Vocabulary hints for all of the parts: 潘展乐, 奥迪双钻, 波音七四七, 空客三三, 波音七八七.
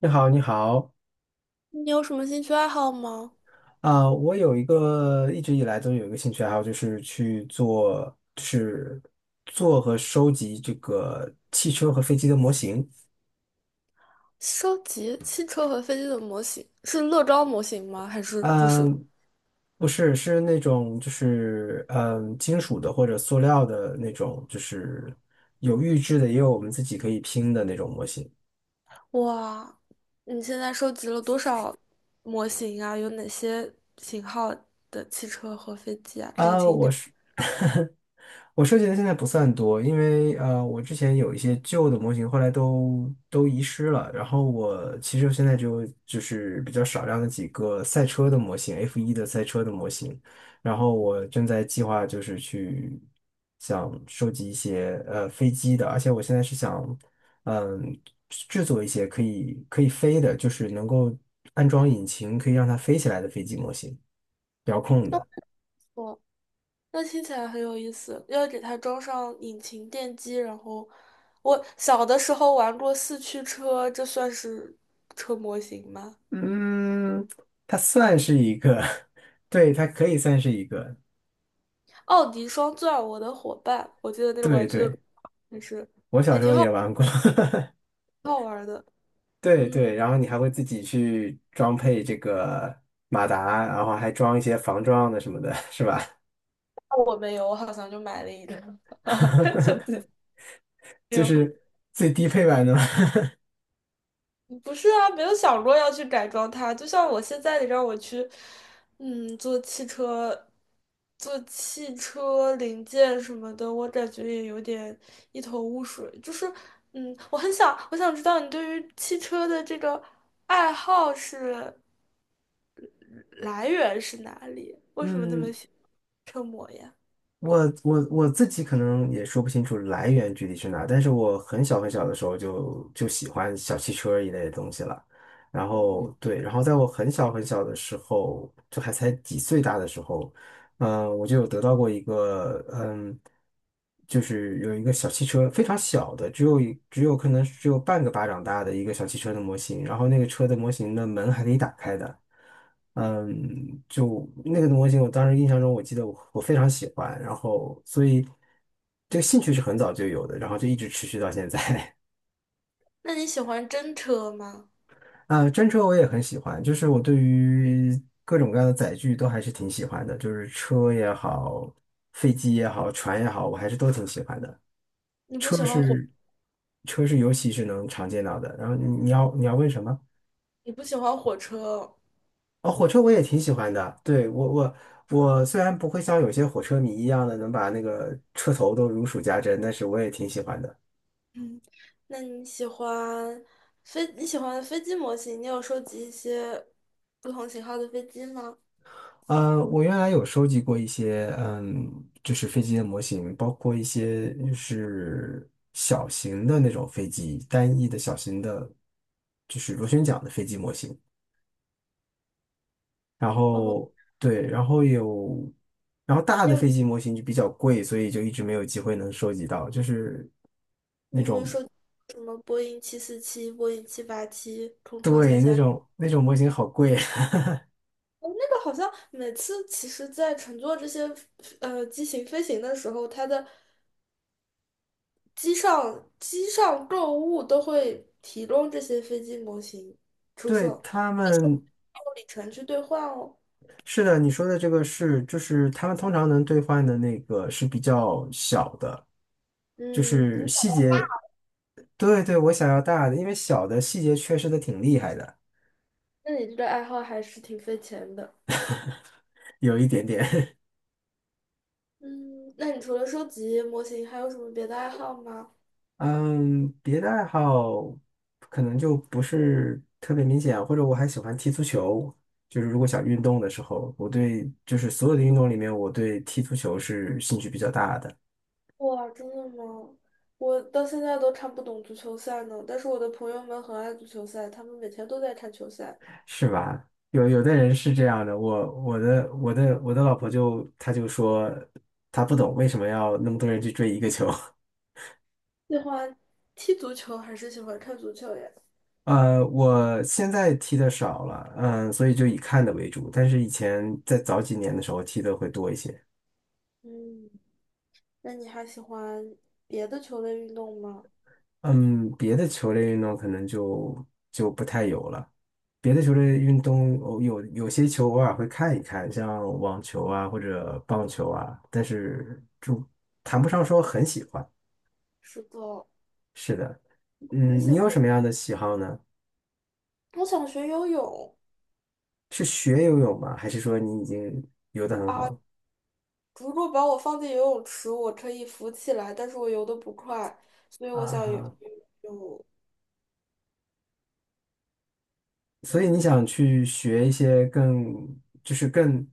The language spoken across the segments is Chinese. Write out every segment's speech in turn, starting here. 你好，你好。你有什么兴趣爱好吗？我有一个一直以来都有一个兴趣爱好，就是去做，就是做和收集这个汽车和飞机的模型。收集汽车和飞机的模型，是乐高模型吗？还是就是嗯，不是，是那种就是金属的或者塑料的那种，就是有预制的，也有我们自己可以拼的那种模型。哇？你现在收集了多少模型啊？有哪些型号的汽车和飞机啊？可以啊，请我给是。我收集的现在不算多，因为我之前有一些旧的模型，后来都遗失了。然后我其实现在就是比较少量的几个赛车的模型，F1 的赛车的模型。然后我正在计划就是去想收集一些飞机的，而且我现在是想嗯制作一些可以飞的，就是能够安装引擎可以让它飞起来的飞机模型，遥控的。我。那听起来很有意思，要给它装上引擎电机，然后我小的时候玩过四驱车，这算是车模型吗？嗯，它算是一个，对，它可以算是一个。奥迪双钻，我的伙伴，我记得那个对玩具的，对，就是我小还时候挺也好。玩过。好玩的。对对，嗯，然后你还会自己去装配这个马达，然后还装一些防撞的什么的，是吧？我没有，我好像就买了一个，就自己 没就有。是最低配版的嘛。不是啊，没有想过要去改装它。就像我现在，你让我去，做汽车，做汽车零件什么的，我感觉也有点一头雾水。就是，我很想，我想知道你对于汽车的这个爱好是来源是哪里？为什么这么嗯。喜欢车模呀？我自己可能也说不清楚来源具体是哪，但是我很小很小的时候就喜欢小汽车一类的东西了。然后对，然后在我很小很小的时候，就还才几岁大的时候，我就有得到过一个，就是有一个小汽车，非常小的，只有一只有可能只有半个巴掌大的一个小汽车的模型，然后那个车的模型的门还可以打开的。就那个模型，我当时印象中，我记得我非常喜欢，然后所以这个兴趣是很早就有的，然后就一直持续到现在。那你喜欢真车吗？啊，真车我也很喜欢，就是我对于各种各样的载具都还是挺喜欢的，就是车也好，飞机也好，船也好，我还是都挺喜欢的。你不喜车欢火？是车是尤其是能常见到的。然后你要问什么？你不喜欢火车，哦，火车我也挺喜欢的。对，我虽然不会像有些火车迷一样的能把那个车头都如数家珍，但是我也挺喜欢的。嗯，那你喜欢飞？你喜欢飞机模型？你有收集一些不同型号的飞机吗？我原来有收集过一些，就是飞机的模型，包括一些就是小型的那种飞机，单翼的小型的，就是螺旋桨的飞机模型。然哦，后对，然后有，然后大你的有飞机模型就比较贵，所以就一直没有机会能收集到，就是你那有没有种。收集什么波音七四七、波音七八七、空客三对，那三？种那种模型好贵。这个好像每次其实，在乘坐这些机型飞行的时候，它的机上购物都会提供这些飞机模型 出对，售，他们。用里程去兑换哦。是的，你说的这个是，就是他们通常能兑换的那个是比较小的，就嗯，是细节。对对，我想要大的，因为小的细节缺失的挺厉害的。那你这个爱好还是挺费钱的。有一点点。嗯，那你除了收集模型，还有什么别的爱好吗？嗯，别的爱好可能就不是特别明显啊，或者我还喜欢踢足球，就是如果想运动的时候，我对就是所有的运动里面，我对踢足球是兴趣比较大的。哇，真的吗？我到现在都看不懂足球赛呢，但是我的朋友们很爱足球赛，他们每天都在看球赛。是吧？有有的人是这样的，我的老婆就她就说她不懂为什么要那么多人去追一个球。喜欢踢足球还是喜欢看足球呀？我现在踢的少了，所以就以看的为主。但是以前在早几年的时候踢的会多一些。嗯，那你还喜欢别的球类运动吗？嗯，别的球类运动可能就不太有了。别的球类运动偶有些球偶尔会看一看，像网球啊或者棒球啊，但是就谈不上说很喜欢。是的，是的。你喜你有什欢？么样的喜好呢？我想学游泳。是学游泳吗？还是说你已经游得很好了如果把我放进游泳池，我可以浮起来，但是我游得不快，所以我想游。啊？所以你嗯，也想去学一些更，就是更、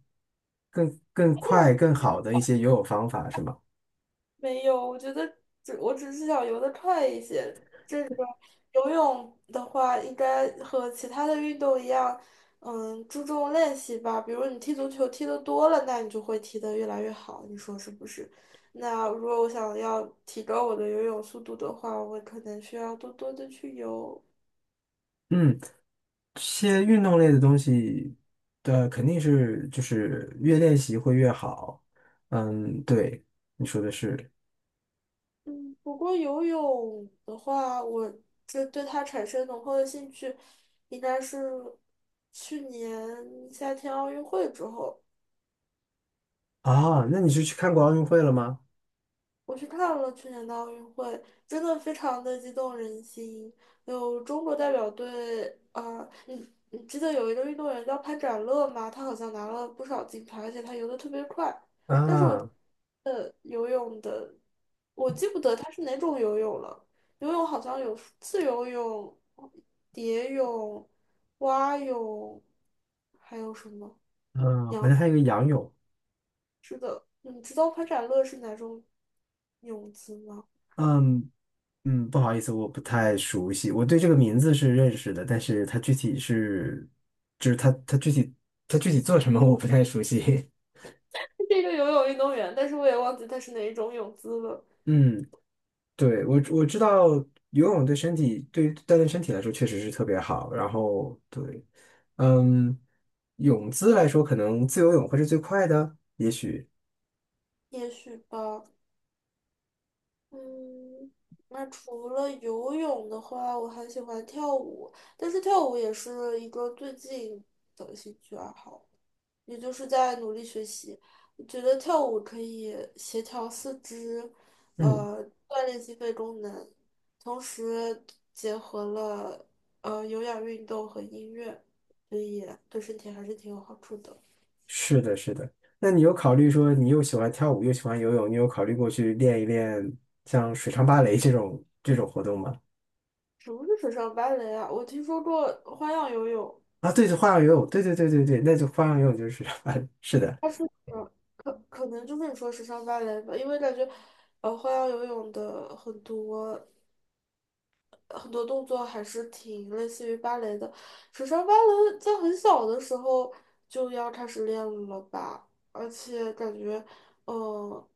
更、更快、更好的一些游泳方法，是吗？没有，我觉得我只是想游得快一些。游泳的话，应该和其他的运动一样，嗯，注重练习吧。比如你踢足球踢得多了，那你就会踢得越来越好，你说是不是？那如果我想要提高我的游泳速度的话，我可能需要多多的去游。嗯，这些运动类的东西的肯定是就是越练习会越好。嗯，对，你说的是。嗯，不过游泳的话，我这对它产生浓厚的兴趣，应该是去年夏天奥运会之后。啊，那你是去看过奥运会了吗？我去看了去年的奥运会，真的非常的激动人心。有中国代表队，啊，你记得有一个运动员叫潘展乐吗？他好像拿了不少金牌，而且他游的特别快。啊，游泳的，我记不得他是哪种游泳了。游泳好像有自由泳、蝶泳、蛙泳，还有什么？嗯，好像还有一个仰泳。你知道潘展乐是哪种泳姿吗？嗯，不好意思，我不太熟悉。我对这个名字是认识的，但是它具体是，就是它具体做什么 我不太熟悉。是一个游泳运动员，但是我也忘记他是哪一种泳姿了。嗯，对，我知道游泳对身体对于锻炼身体来说确实是特别好。然后对，嗯，泳姿来说可能自由泳会是最快的。也许吧，嗯，那除了游泳的话，我还喜欢跳舞，但是跳舞也是一个最近的兴趣爱好，也就是在努力学习。我觉得跳舞可以协调四肢，嗯，锻炼心肺功能，同时结合了有氧运动和音乐，所以对身体还是挺有好处的。是的，是的。那你有考虑说你又喜欢跳舞又喜欢游泳，你有考虑过去练一练像水上芭蕾这种活动吗？什么是水上芭蕾啊？我听说过花样游泳，啊，对，花样游泳，对对对对对，那就花样游泳就是。是的。它是可能就是你说水上芭蕾吧，因为感觉花样游泳的很多动作还是挺类似于芭蕾的。水上芭蕾在很小的时候就要开始练了吧，而且感觉呃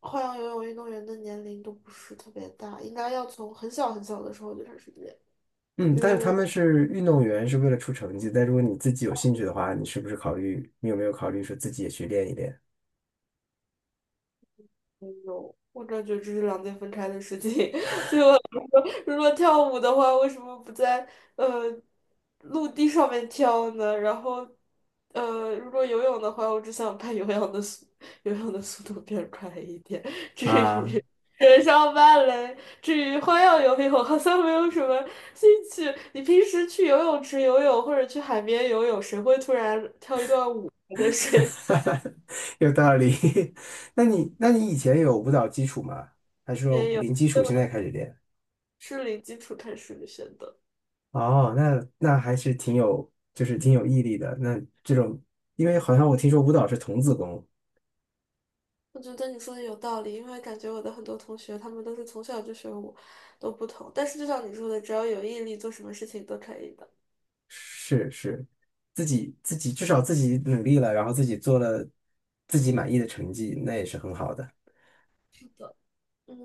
花样游泳运动员的年龄都不是特别大，应该要从很小很小的时候就开始练。嗯，但是他们是运动员，是为了出成绩。但如果你自己有兴趣的话，你是不是考虑，你有没有考虑说自己也去练一练？我感觉这是两件分开的事情。所以我想说，如果跳舞的话，为什么不在呃陆地上面跳呢？然后，如果游泳的话，我只想把游泳的速度变快一点。至啊，于人上芭蕾，至于花样游泳，我好像没有什么兴趣。你平时去游泳池游泳或者去海边游泳，谁会突然跳一段舞在水里 有道理。那你以前有舞蹈基础吗？还是说面游 零基 础现在所开始练？是零基础开始学的选择。哦，那那还是挺有，就是挺有毅力的。那这种，因为好像我听说舞蹈是童子功。我觉得你说的有道理，因为感觉我的很多同学，他们都是从小就学舞，都不同。但是就像你说的，只要有毅力，做什么事情都可以的。是是，自己自己至少自己努力了，然后自己做了自己满意的成绩，那也是很好的。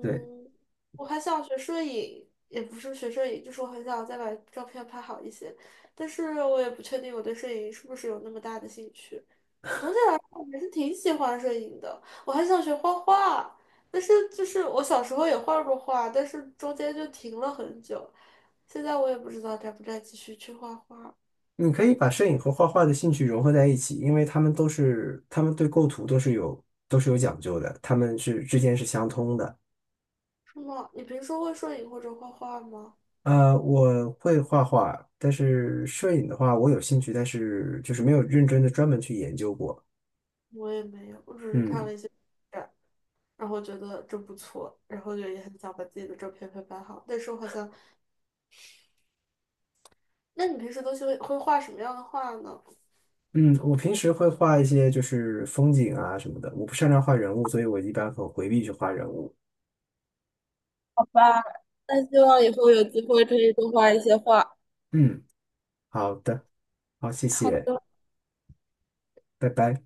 对，我还想学摄影，也不是学摄影，就是我很想再把照片拍好一些，但是我也不确定我对摄影是不是有那么大的兴趣。总体来说，我还是挺喜欢摄影的。我还想学画画，但是就是我小时候也画过画，但是中间就停了很久，现在我也不知道该不该继续去画画。你可以把摄影和画画的兴趣融合在一起，因为他们对构图都是有讲究的，他们是之间是相通的。是吗？你平时会摄影或者画画吗？呃，我会画画，但是摄影的话，我有兴趣，但是就是没有认真的专门去研究过。我也没有，我只是看嗯了一些展，然后觉得这不错，然后就也很想把自己的照片拍好。但是我好像，那你平时都是会画什么样的画呢？嗯，我平时会画一些就是风景啊什么的，我不擅长画人物，所以我一般很回避去画人物。那希望以后有机会可以多画一些画。嗯，好的，好，谢好谢，的，拜拜。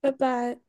拜拜。